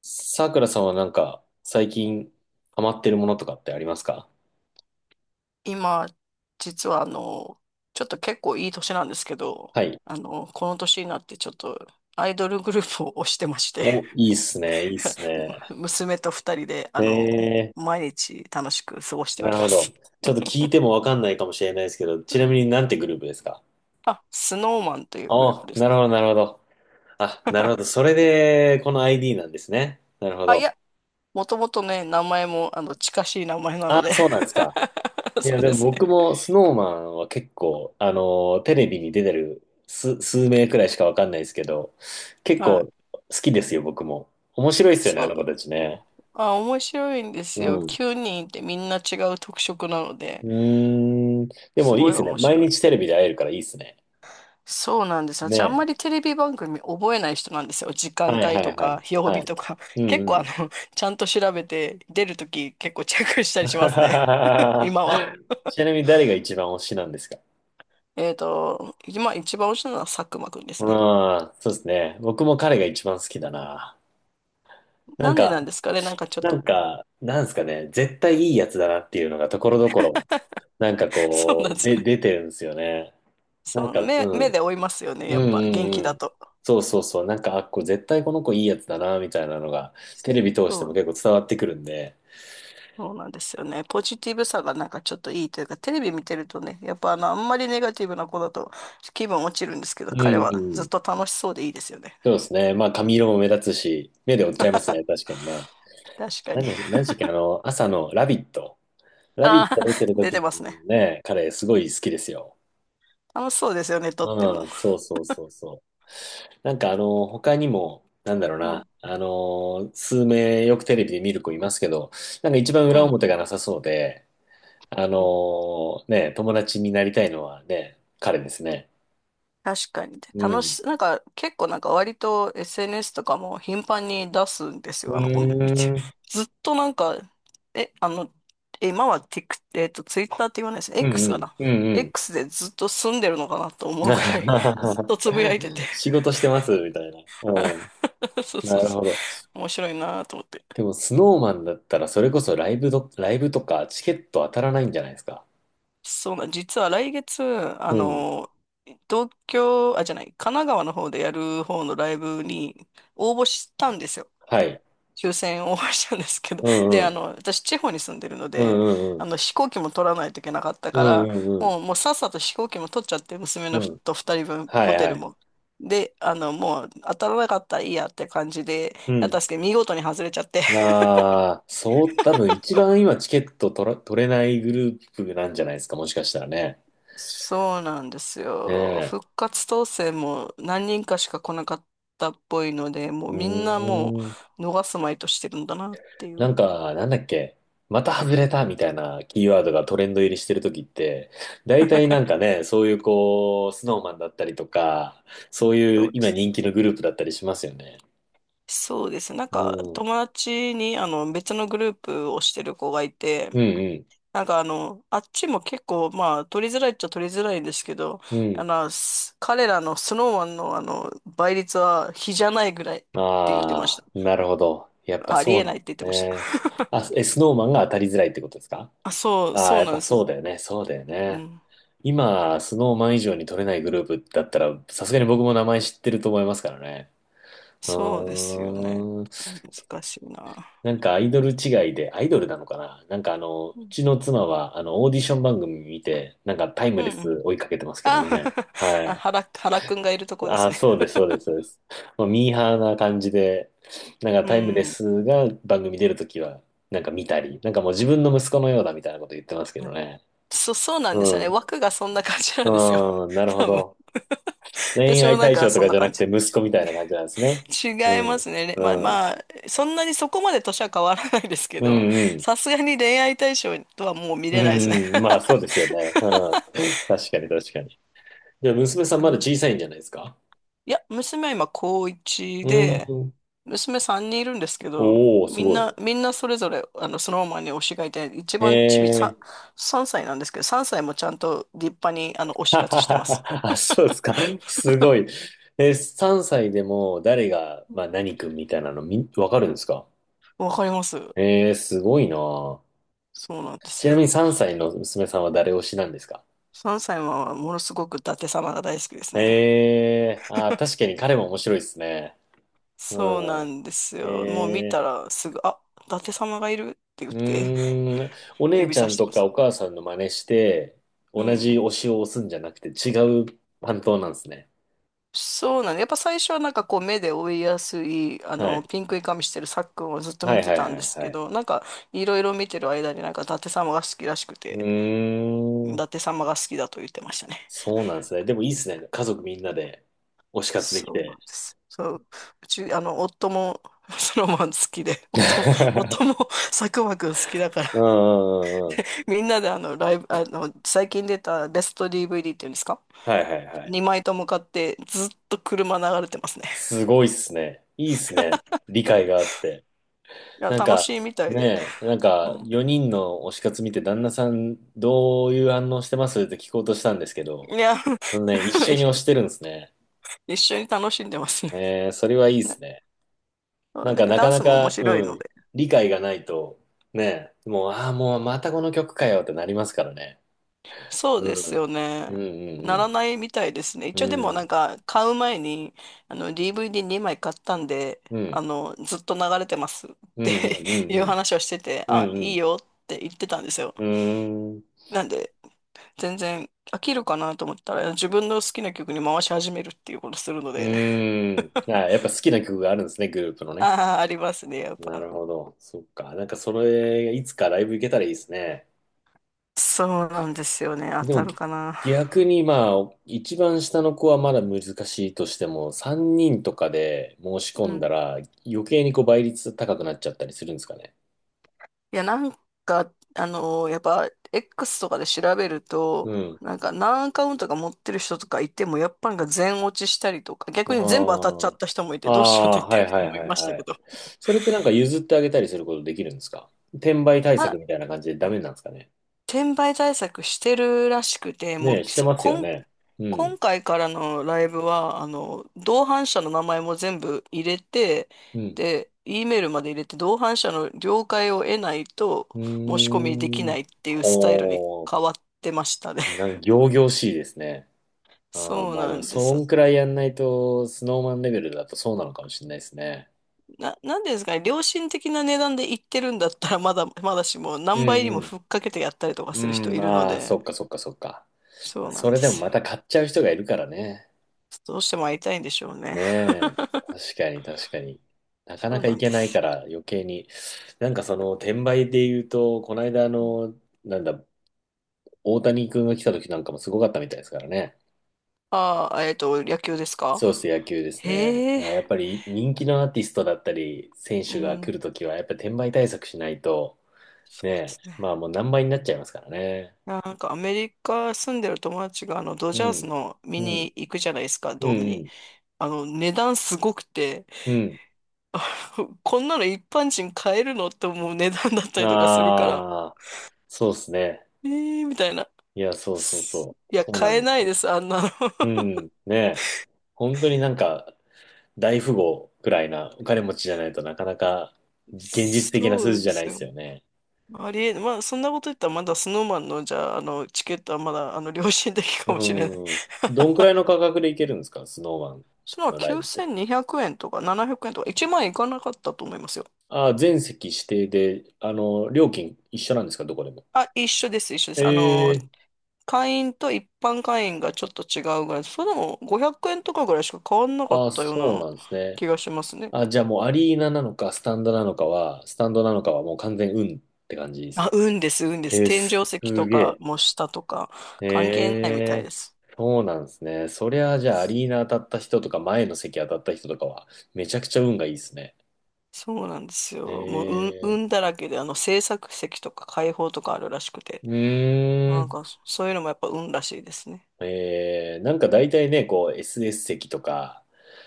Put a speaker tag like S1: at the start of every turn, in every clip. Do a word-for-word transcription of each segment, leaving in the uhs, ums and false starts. S1: さくらさんはなんか、最近ハマってるものとかってありますか？
S2: 今、実はあの、ちょっと結構いい年なんですけど、
S1: はい。
S2: あの、この年になってちょっとアイドルグループを推してまして
S1: お、いいっすね、いいっすね。
S2: 娘とふたりで、あ
S1: え
S2: の、
S1: え、
S2: 毎日楽しく過ごしてお
S1: なる
S2: りま
S1: ほど。
S2: す。
S1: ちょっと聞いてもわかんないかもしれないですけど、
S2: う
S1: ちなみに
S2: ん。
S1: なんてグループですか？
S2: あ、スノーマンというグループ
S1: あ、
S2: で
S1: な
S2: す。
S1: るほど、なるほど。あ、なるほど。それで、この アイディー なんですね。なるほ
S2: あ、い
S1: ど。
S2: や、もともとね、名前も、あの、近しい名前なの
S1: あ、
S2: で。
S1: そうなんですか。い
S2: そ
S1: や、
S2: う
S1: で
S2: で
S1: も
S2: すね。
S1: 僕もスノーマンは結構、あの、テレビに出てる数、数名くらいしかわかんないですけど、結
S2: は
S1: 構
S2: い。
S1: 好きですよ、僕も。面白いっすよね、あ
S2: そ
S1: の子
S2: う。
S1: たちね。
S2: あ、面白いんです
S1: う
S2: よ。
S1: ん。
S2: きゅうにんいてみんな違う特色なので、
S1: うーん。で
S2: す
S1: もいい
S2: ご
S1: で
S2: い
S1: すね。
S2: 面
S1: 毎
S2: 白
S1: 日
S2: い。
S1: テレビで会えるからいいですね。
S2: そうなんです。私あんまり
S1: ね
S2: テレビ番組覚えない人なんですよ。時
S1: え。
S2: 間
S1: はいは
S2: 帯と
S1: いは
S2: か、
S1: い。
S2: 曜
S1: は
S2: 日と
S1: い。
S2: か。
S1: う ん
S2: 結
S1: う
S2: 構あ
S1: ん。
S2: の、ちゃんと調べて、出るとき結構チェックしたりしますね。今は。
S1: ちなみに誰が一番推しなんですか？
S2: えっと、今一番推しなのは佐久間くんで
S1: う
S2: す
S1: ん、
S2: ね。
S1: そうですね。僕も彼が一番好きだな。なん
S2: なんでなんで
S1: か、
S2: すかね。なんかちょっ
S1: な
S2: と。
S1: んか、なんですかね。絶対いいやつだなっていうのがところどころ、なんか
S2: そうな
S1: こ
S2: んで
S1: う、
S2: すよ
S1: で、
S2: ね。
S1: 出てるんですよね。なん
S2: そ
S1: か、
S2: う、
S1: う
S2: 目、目
S1: ん。
S2: で追いますよね。
S1: うん
S2: や
S1: う
S2: っぱ元気
S1: んう
S2: だ
S1: ん。
S2: と。
S1: そうそうそう。なんか、あ、こう絶対この子いいやつだな、みたいなのが、テレビ通して
S2: そ
S1: も結構
S2: う、
S1: 伝わってくるんで。
S2: そうなんですよね。ポジティブさがなんかちょっといいというか、テレビ見てるとね、やっぱあの、あんまりネガティブな子だと気分落ちるんですけど、
S1: うん
S2: 彼は
S1: う
S2: ずっ
S1: ん。
S2: と楽しそうでいいですよね。
S1: そうですね。まあ、髪色も目立つし、目で追っちゃいますね。確かにね。
S2: 確か
S1: な
S2: に。
S1: んで、何でしたっけ、あの、朝のラビット。ラビッ
S2: ああ、
S1: ト出てる
S2: 出
S1: 時
S2: て
S1: の
S2: ますね。
S1: ね、彼、すごい好きですよ。
S2: 楽しそうですよね、とっても。
S1: うん、そうそうそうそう。なんか、あの、他にも、なんだろう
S2: う
S1: な。
S2: ん。
S1: あの、数名よくテレビで見る子いますけど、なんか一番
S2: う
S1: 裏
S2: ん。
S1: 表がなさそうで、あのーね、友達になりたいのはね、彼ですね。
S2: 確かに。で、
S1: う
S2: 楽
S1: ん。
S2: し、なんか、結構なんか割と エスエヌエス とかも頻繁に出すんです
S1: うー
S2: よ。あの、この、一
S1: ん。
S2: ずっとなんか、え、あの、え今は t ックえっと、ツ w i t t e r って言わないですね。
S1: うんう
S2: X か
S1: ん。
S2: な。
S1: うんうん。
S2: X でずっと住んでるのかなと思うくらい、ずっ とつぶやいてて。
S1: 仕事してますみたいな。うん。
S2: そう
S1: な
S2: そう
S1: る
S2: そ
S1: ほど。
S2: う。面白いなと思って。
S1: でも、スノーマンだったら、それこそライブど、ライブとかチケット当たらないんじゃないですか。
S2: そうな、実は来月、あ
S1: うん。
S2: の、東京、あ、じゃない、神奈川の方でやる方のライブに応募したんですよ。
S1: はい。
S2: 抽選応募したんですけど。
S1: う
S2: で、
S1: んう
S2: あ
S1: ん。
S2: の、私、地方に住んでるの
S1: う
S2: で、
S1: んうんう
S2: あ
S1: ん。
S2: の、飛行機も取らないといけなかった
S1: う
S2: か
S1: ん
S2: ら、
S1: うんうん。
S2: もう、もうさっさと飛行機も取っちゃって、娘
S1: う
S2: のふ
S1: ん。
S2: とふたりぶん、
S1: は
S2: ホ
S1: い
S2: テ
S1: は
S2: ル
S1: い。
S2: も。で、あの、もう、当たらなかったらいいやって感じで、
S1: う
S2: やっ
S1: ん。
S2: たんですけど、見事に外れちゃって、
S1: ああ、そう、多分一番今チケット取ら、取れないグループなんじゃないですか、もしかしたらね。
S2: そうなんです
S1: ね
S2: よ。
S1: え。
S2: 復活当選も何人かしか来なかったっぽいので、も
S1: う
S2: うみんなも
S1: ーん。
S2: う逃すまいとしてるんだなってい
S1: なん
S2: う。
S1: か、なんだっけ。また外れたみたいなキーワードがトレンド入りしてるときって、大体なんかね、そういうこう、スノーマンだったりとか、そうい
S2: そ
S1: う
S2: うで
S1: 今
S2: す。
S1: 人気のグループだったりしますよね。
S2: そうです。なん
S1: う
S2: か
S1: ん。う
S2: 友
S1: ん
S2: 達にあの別のグループをしてる子がいて、
S1: うん。
S2: なんかあの、あっちも結構まあ取りづらいっちゃ取りづらいんですけど、
S1: う
S2: あ
S1: ん。
S2: の、す彼らのスノーマンのあの倍率は比じゃないぐらいって言ってまし
S1: ああ、なるほど。やっぱ
S2: た。あり
S1: そう
S2: え
S1: なん
S2: ない
S1: で
S2: って言っ
S1: す
S2: てました。
S1: ね。あ、え、スノーマンが当たりづらいってことですか？
S2: あ、そう、
S1: ああー、
S2: そう
S1: やっ
S2: なん
S1: ぱ
S2: です。
S1: そうだよね。そうだよ
S2: う
S1: ね。
S2: ん。
S1: 今、スノーマン以上に取れないグループだったら、さすがに僕も名前知ってると思いますからね。あ
S2: そうですよね。
S1: ー
S2: 難しいな。
S1: なんかアイドル違いで、アイドルなのかな、なんかあの、う
S2: うん。
S1: ちの妻はあの、オーディション番組見て、なんかタイム
S2: うんう
S1: レス
S2: ん。
S1: 追いかけてますけど
S2: あ、
S1: ね。は
S2: あ
S1: い。
S2: 原、原くんがいるとこで
S1: あ
S2: す
S1: ー、
S2: ね。
S1: そうです、そうです、そうです。もうミーハーな感じで、なんか
S2: う
S1: タイムレ
S2: ん。
S1: スが番組出るときは、なんか見たり、なんかもう自分の息子のようだみたいなこと言ってますけど
S2: あ
S1: ね。
S2: そ、そうなん
S1: う
S2: ですよね。
S1: ん。
S2: 枠がそんな感じなんですよ。
S1: うん、なる ほ
S2: 多分。
S1: ど。恋
S2: 私も
S1: 愛
S2: なん
S1: 対
S2: か
S1: 象と
S2: そん
S1: か
S2: な
S1: じゃな
S2: 感
S1: く
S2: じ。
S1: て息子みたいな感じなんですね。
S2: 違
S1: う
S2: います
S1: ん。
S2: ね。れまあ
S1: うん。
S2: まあ、そんなにそこまで年は変わらないですけ
S1: う
S2: ど、
S1: ん、うん。
S2: さすがに恋愛対象とはもう見
S1: う
S2: れないですね。
S1: ん、まあそうですよね。うん。確かに確かに。じゃあ娘さん
S2: う
S1: まだ
S2: ん。
S1: 小さいんじゃないですか？
S2: いや、娘は今高いち
S1: う
S2: で、
S1: ん。
S2: 娘さんにんいるんですけど、
S1: おー、す
S2: みん
S1: ご
S2: な、
S1: い。
S2: みんなそれぞれ、あの、そのままに推しがいて、一番ちび
S1: え
S2: さん、
S1: ー、
S2: さんさいなんですけど、さんさいもちゃんと立派に、あの、推 し活してます。
S1: あ、そうですか。すごい。え、さんさいでも誰が、まあ何君みたいなのみ、わかるんですか？
S2: わかります。
S1: えー、すごいなあ。
S2: そうなんです
S1: ちなみに
S2: よ。
S1: さんさいの娘さんは誰推しなんですか？
S2: さんさいはものすごく伊達様が大好きですね。
S1: えー、あ確かに彼も面白いですね。
S2: そうな
S1: うん。
S2: んですよ。もう見
S1: え
S2: た
S1: ー
S2: らすぐ、あ、伊達様がいるって言
S1: う
S2: って
S1: ーん、お 姉
S2: 指
S1: ちゃ
S2: さ
S1: ん
S2: して
S1: と
S2: ま
S1: か
S2: す。
S1: お母さんの真似して、
S2: う
S1: 同じ
S2: ん。
S1: 推しを押すんじゃなくて違う担当なんですね。
S2: そうなのやっぱ最初はなんかこう目で追いやすい、あ
S1: は
S2: の、
S1: い。
S2: ピンクい髪してるさっくんをずっと
S1: は
S2: 見
S1: い
S2: て
S1: はい
S2: た
S1: は
S2: んで
S1: い
S2: す
S1: は
S2: け
S1: い。
S2: ど、なんかいろいろ見てる間になんか伊達様が好きらしくて、
S1: うー
S2: 伊
S1: ん、
S2: 達様が好きだと言ってましたね。
S1: そうなんですね。でもいいですね。家族みんなで推し活でき
S2: そうなん
S1: て。
S2: です。そう、うち、あの、夫もソロマン好きで、夫も、夫も 佐久間くん好きだか
S1: うん
S2: ら、
S1: うんうんうん。
S2: みんなであの、ライブ、あの、最近出たベスト ディーブイディー っていうんですか？
S1: はいはいはい。
S2: に 枚とも買ってずっと車流れてますね。
S1: すごいっすね。いいっすね。理解があって。
S2: いや、
S1: なん
S2: 楽
S1: か、
S2: しいみたいで。
S1: ねえ、なん
S2: う
S1: か
S2: ん。
S1: よにんの推し活見て旦那さんどういう反応してますって聞こうとしたんですけど、
S2: いや、
S1: うんね、一緒に推 してるんですね。
S2: 一緒に楽しんでますね。
S1: ねえー、それはいい で
S2: ね、
S1: すね。な
S2: あ、
S1: ん
S2: だ
S1: か
S2: けど
S1: な
S2: ダ
S1: か
S2: ン
S1: な
S2: スも面
S1: か、
S2: 白い
S1: う
S2: の
S1: ん、
S2: で。
S1: 理解がないと、ね、もう、ああ、もうまたこの曲かよってなりますからね。
S2: そうで
S1: う
S2: すよ
S1: ん。
S2: ね。
S1: う
S2: な
S1: ん
S2: らないみたいですね。
S1: う
S2: 一応で
S1: ん
S2: も
S1: う
S2: な
S1: ん。
S2: んか買う前にあの ディーブイディーに 枚買ったんで、
S1: うん。う
S2: あ
S1: ん
S2: のずっと流れてますっ
S1: う
S2: て
S1: んう
S2: いう
S1: ん
S2: 話をしてて、
S1: う
S2: あ、
S1: ん。う
S2: いい
S1: ん
S2: よって言ってたんですよ。
S1: うん。うーん。
S2: なんで全然飽きるかなと思ったら自分の好きな曲に回し始めるっていうことするの
S1: う
S2: で、
S1: ーん。あ、やっぱ好きな曲があるんですね、グループの ね。
S2: ああ、ありますね、やっ
S1: なる
S2: ぱ。
S1: ほど。そっか。なんかそれ、いつかライブ行けたらいいですね。
S2: そうなんですよね。当
S1: で
S2: た
S1: も
S2: るかな。
S1: 逆にまあ、一番下の子はまだ難しいとしても、さんにんとかで申し
S2: う
S1: 込ん
S2: ん。
S1: だら余計にこう倍率高くなっちゃったりするんですかね。
S2: いや、なんか、あのーやっぱ、X とかで調べる
S1: う
S2: と、
S1: ん。
S2: なんか何アカウントか持ってる人とかいても、やっぱなんか全落ちしたりとか、逆に全部当たっ
S1: あ
S2: ちゃった人もい
S1: あ。
S2: て、
S1: あ
S2: どうしようって言っ
S1: あ、
S2: て
S1: は
S2: る
S1: いは
S2: 人
S1: い
S2: もい
S1: はい
S2: まし
S1: は
S2: たけ
S1: い。
S2: ど。
S1: それってなんか譲ってあげたりすることできるんですか？転売対
S2: あ、
S1: 策みたいな感じでダメなんですかね。
S2: 転売対策してるらしくて、も
S1: ねえ、
S2: う
S1: して
S2: さ、
S1: ますよ
S2: こん、
S1: ね。う
S2: 今
S1: ん。
S2: 回からのライブは、あの、同伴者の名前も全部入れて、
S1: うん。
S2: で、E メールまで入れて、同伴者の了解を得ないと
S1: う
S2: 申し込みでき
S1: ーん。
S2: ないっていうスタイルに
S1: ほ
S2: 変わってましたね。
S1: う。なんか仰々しいですね。ああ、
S2: そう
S1: まあで
S2: な
S1: も、
S2: んで
S1: そ
S2: すよ。
S1: んくらいやんないと、スノーマンレベルだとそうなのかもしれないですね。
S2: な、なんでですかね、良心的な値段で言ってるんだったら、まだ、まだしも、
S1: う
S2: 何倍にも
S1: ん
S2: ふっかけてやったりとか
S1: う
S2: する
S1: ん。
S2: 人
S1: うん、
S2: いるの
S1: ああ、そ
S2: で、
S1: っかそっかそっか。ま
S2: そ
S1: あ、
S2: うな
S1: そ
S2: んで
S1: れでも
S2: す
S1: ま
S2: よ。
S1: た買っちゃう人がいるからね。
S2: どうしても会いたいんでしょうね。
S1: ねえ。確かに確かに。なか
S2: そ
S1: な
S2: う
S1: か
S2: な
S1: い
S2: ん
S1: け
S2: で
S1: ない
S2: す
S1: か
S2: よ。
S1: ら余計に。なんかその転売で言うと、この間あの、なんだ、大谷君が来た時なんかもすごかったみたいですからね。
S2: ああ、えっと、野球ですか？
S1: そうですね、野球ですね。
S2: へえ、
S1: やっぱり人気のアーティストだったり、選
S2: う
S1: 手が
S2: ん、
S1: 来
S2: そ
S1: るときは、やっぱり転売対策しないと、ね
S2: うです
S1: え。まあ
S2: ね。
S1: もう何倍になっちゃいますからね。
S2: なんかアメリカ住んでる友達があのド
S1: う
S2: ジャー
S1: ん。
S2: スの見
S1: うん。
S2: に行くじゃないですか、
S1: う
S2: ドーム
S1: ん。う
S2: に。
S1: ん。
S2: あの値段すごくて、
S1: う
S2: こんなの一般人買えるのって思う値段だった
S1: ん。
S2: りとかするから、
S1: ああ、そうですね。
S2: えーみたいな。
S1: いや、そうそうそう。
S2: いや、
S1: そうな
S2: 買え
S1: の。
S2: ないです、あんなの。
S1: う ん。ねえ。本当になんか大富豪くらいなお金持ちじゃないとなかなか現実的な
S2: そ
S1: 数
S2: う
S1: 字じ
S2: で
S1: ゃない
S2: す
S1: で
S2: よ。
S1: すよね。
S2: ありえ、まあ、そんなこと言ったら、まだスノーマンの、じゃあ、あの、チケットはまだ、あの、良心的かもしれない。
S1: うん。どんくらいの価格でいけるんですかスノーマン
S2: その
S1: のライブって。
S2: きゅうせんにひゃくえんとかななひゃくえんとかいちまん円いかなかったと思いますよ。
S1: ああ、全席指定で、あの、料金一緒なんですかどこでも。
S2: あ、一緒です、一緒です。あの、
S1: ええ
S2: 会員と一般会員がちょっと違うぐらい、それでもごひゃくえんとかぐらいしか変わんなか
S1: あ
S2: っ
S1: あ、
S2: たよう
S1: そう
S2: な
S1: なんですね。
S2: 気がしますね。
S1: あ、じゃあもうアリーナなのか、スタンドなのかは、スタンドなのかはもう完全運って感じです
S2: あ、
S1: か。
S2: 運です、運です。
S1: えー、
S2: 天
S1: す
S2: 井石とか、
S1: げ
S2: もう下とか、関係ないみたい
S1: え。
S2: で
S1: え
S2: す。
S1: ー、そうなんですね。そりゃあ、じゃあアリーナ当たった人とか、前の席当たった人とかは、めちゃくちゃ運がいいですね。
S2: そうなんですよ。もう、運、運
S1: え
S2: だらけで、あの、制作席とか開放とかあるらしくて。
S1: ー、うー
S2: なん
S1: ん。
S2: か、そそういうのもやっぱ運らしいですね。
S1: えー、なんか大体ね、こう エスエス 席とか、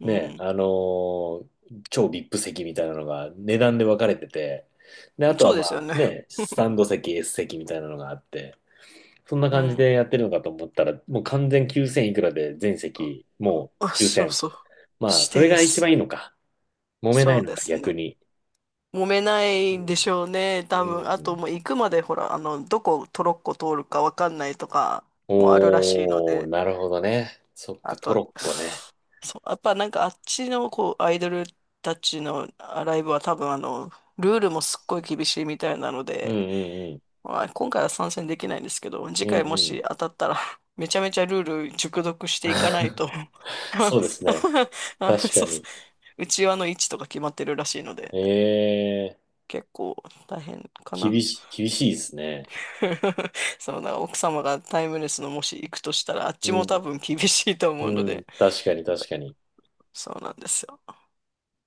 S2: う
S1: ね、
S2: ん。
S1: あのー超 ブイアイピー 席みたいなのが値段で分かれてて、で、あと
S2: そ
S1: は
S2: う
S1: ま
S2: ですよ
S1: あ
S2: ね。
S1: ね、スタンド席、S 席みたいなのがあって、そんな
S2: う
S1: 感じで
S2: ん。
S1: やってるのかと思ったら、もう完全きゅうせんいくらで全席、も
S2: あ、
S1: う抽
S2: そう
S1: 選。
S2: そう。
S1: まあ、
S2: 指
S1: そ
S2: 定
S1: れ
S2: で
S1: が一番
S2: す。
S1: いいのか。揉めな
S2: そ
S1: い
S2: う
S1: の
S2: で
S1: か、
S2: す
S1: 逆
S2: ね。
S1: に。
S2: 揉めな
S1: う
S2: いんでし
S1: ん。
S2: ょうね。
S1: う
S2: 多分。あと
S1: ん、
S2: もう行くまで、ほら、あの、どこトロッコ通るかわかんないとかもあるらしいの
S1: おー、
S2: で。
S1: なるほどね。そっ
S2: あ
S1: か、ト
S2: と、
S1: ロッコね。
S2: そう、やっぱなんかあっちのこうアイドルたちのあライブは多分あの、ルールもすっごい厳しいみたいなの
S1: うん
S2: で、
S1: うん
S2: まあ、今回は参戦できないんですけど、次
S1: うん。う
S2: 回も
S1: んう
S2: し
S1: ん。
S2: 当たったら めちゃめちゃルール熟読していかない と。 あ、
S1: そうですね。確
S2: そ
S1: か
S2: うそ
S1: に。
S2: う、うちわの位置とか決まってるらしいので、
S1: ええ
S2: 結構大変か
S1: 厳
S2: な。
S1: しい、厳しいですね。
S2: そう、だから奥様がタイムレスのもし行くとしたら、あっち
S1: う
S2: も多
S1: ん。
S2: 分厳しいと思
S1: う
S2: うの
S1: ん。
S2: で、
S1: 確かに、確かに。
S2: そうなんですよ。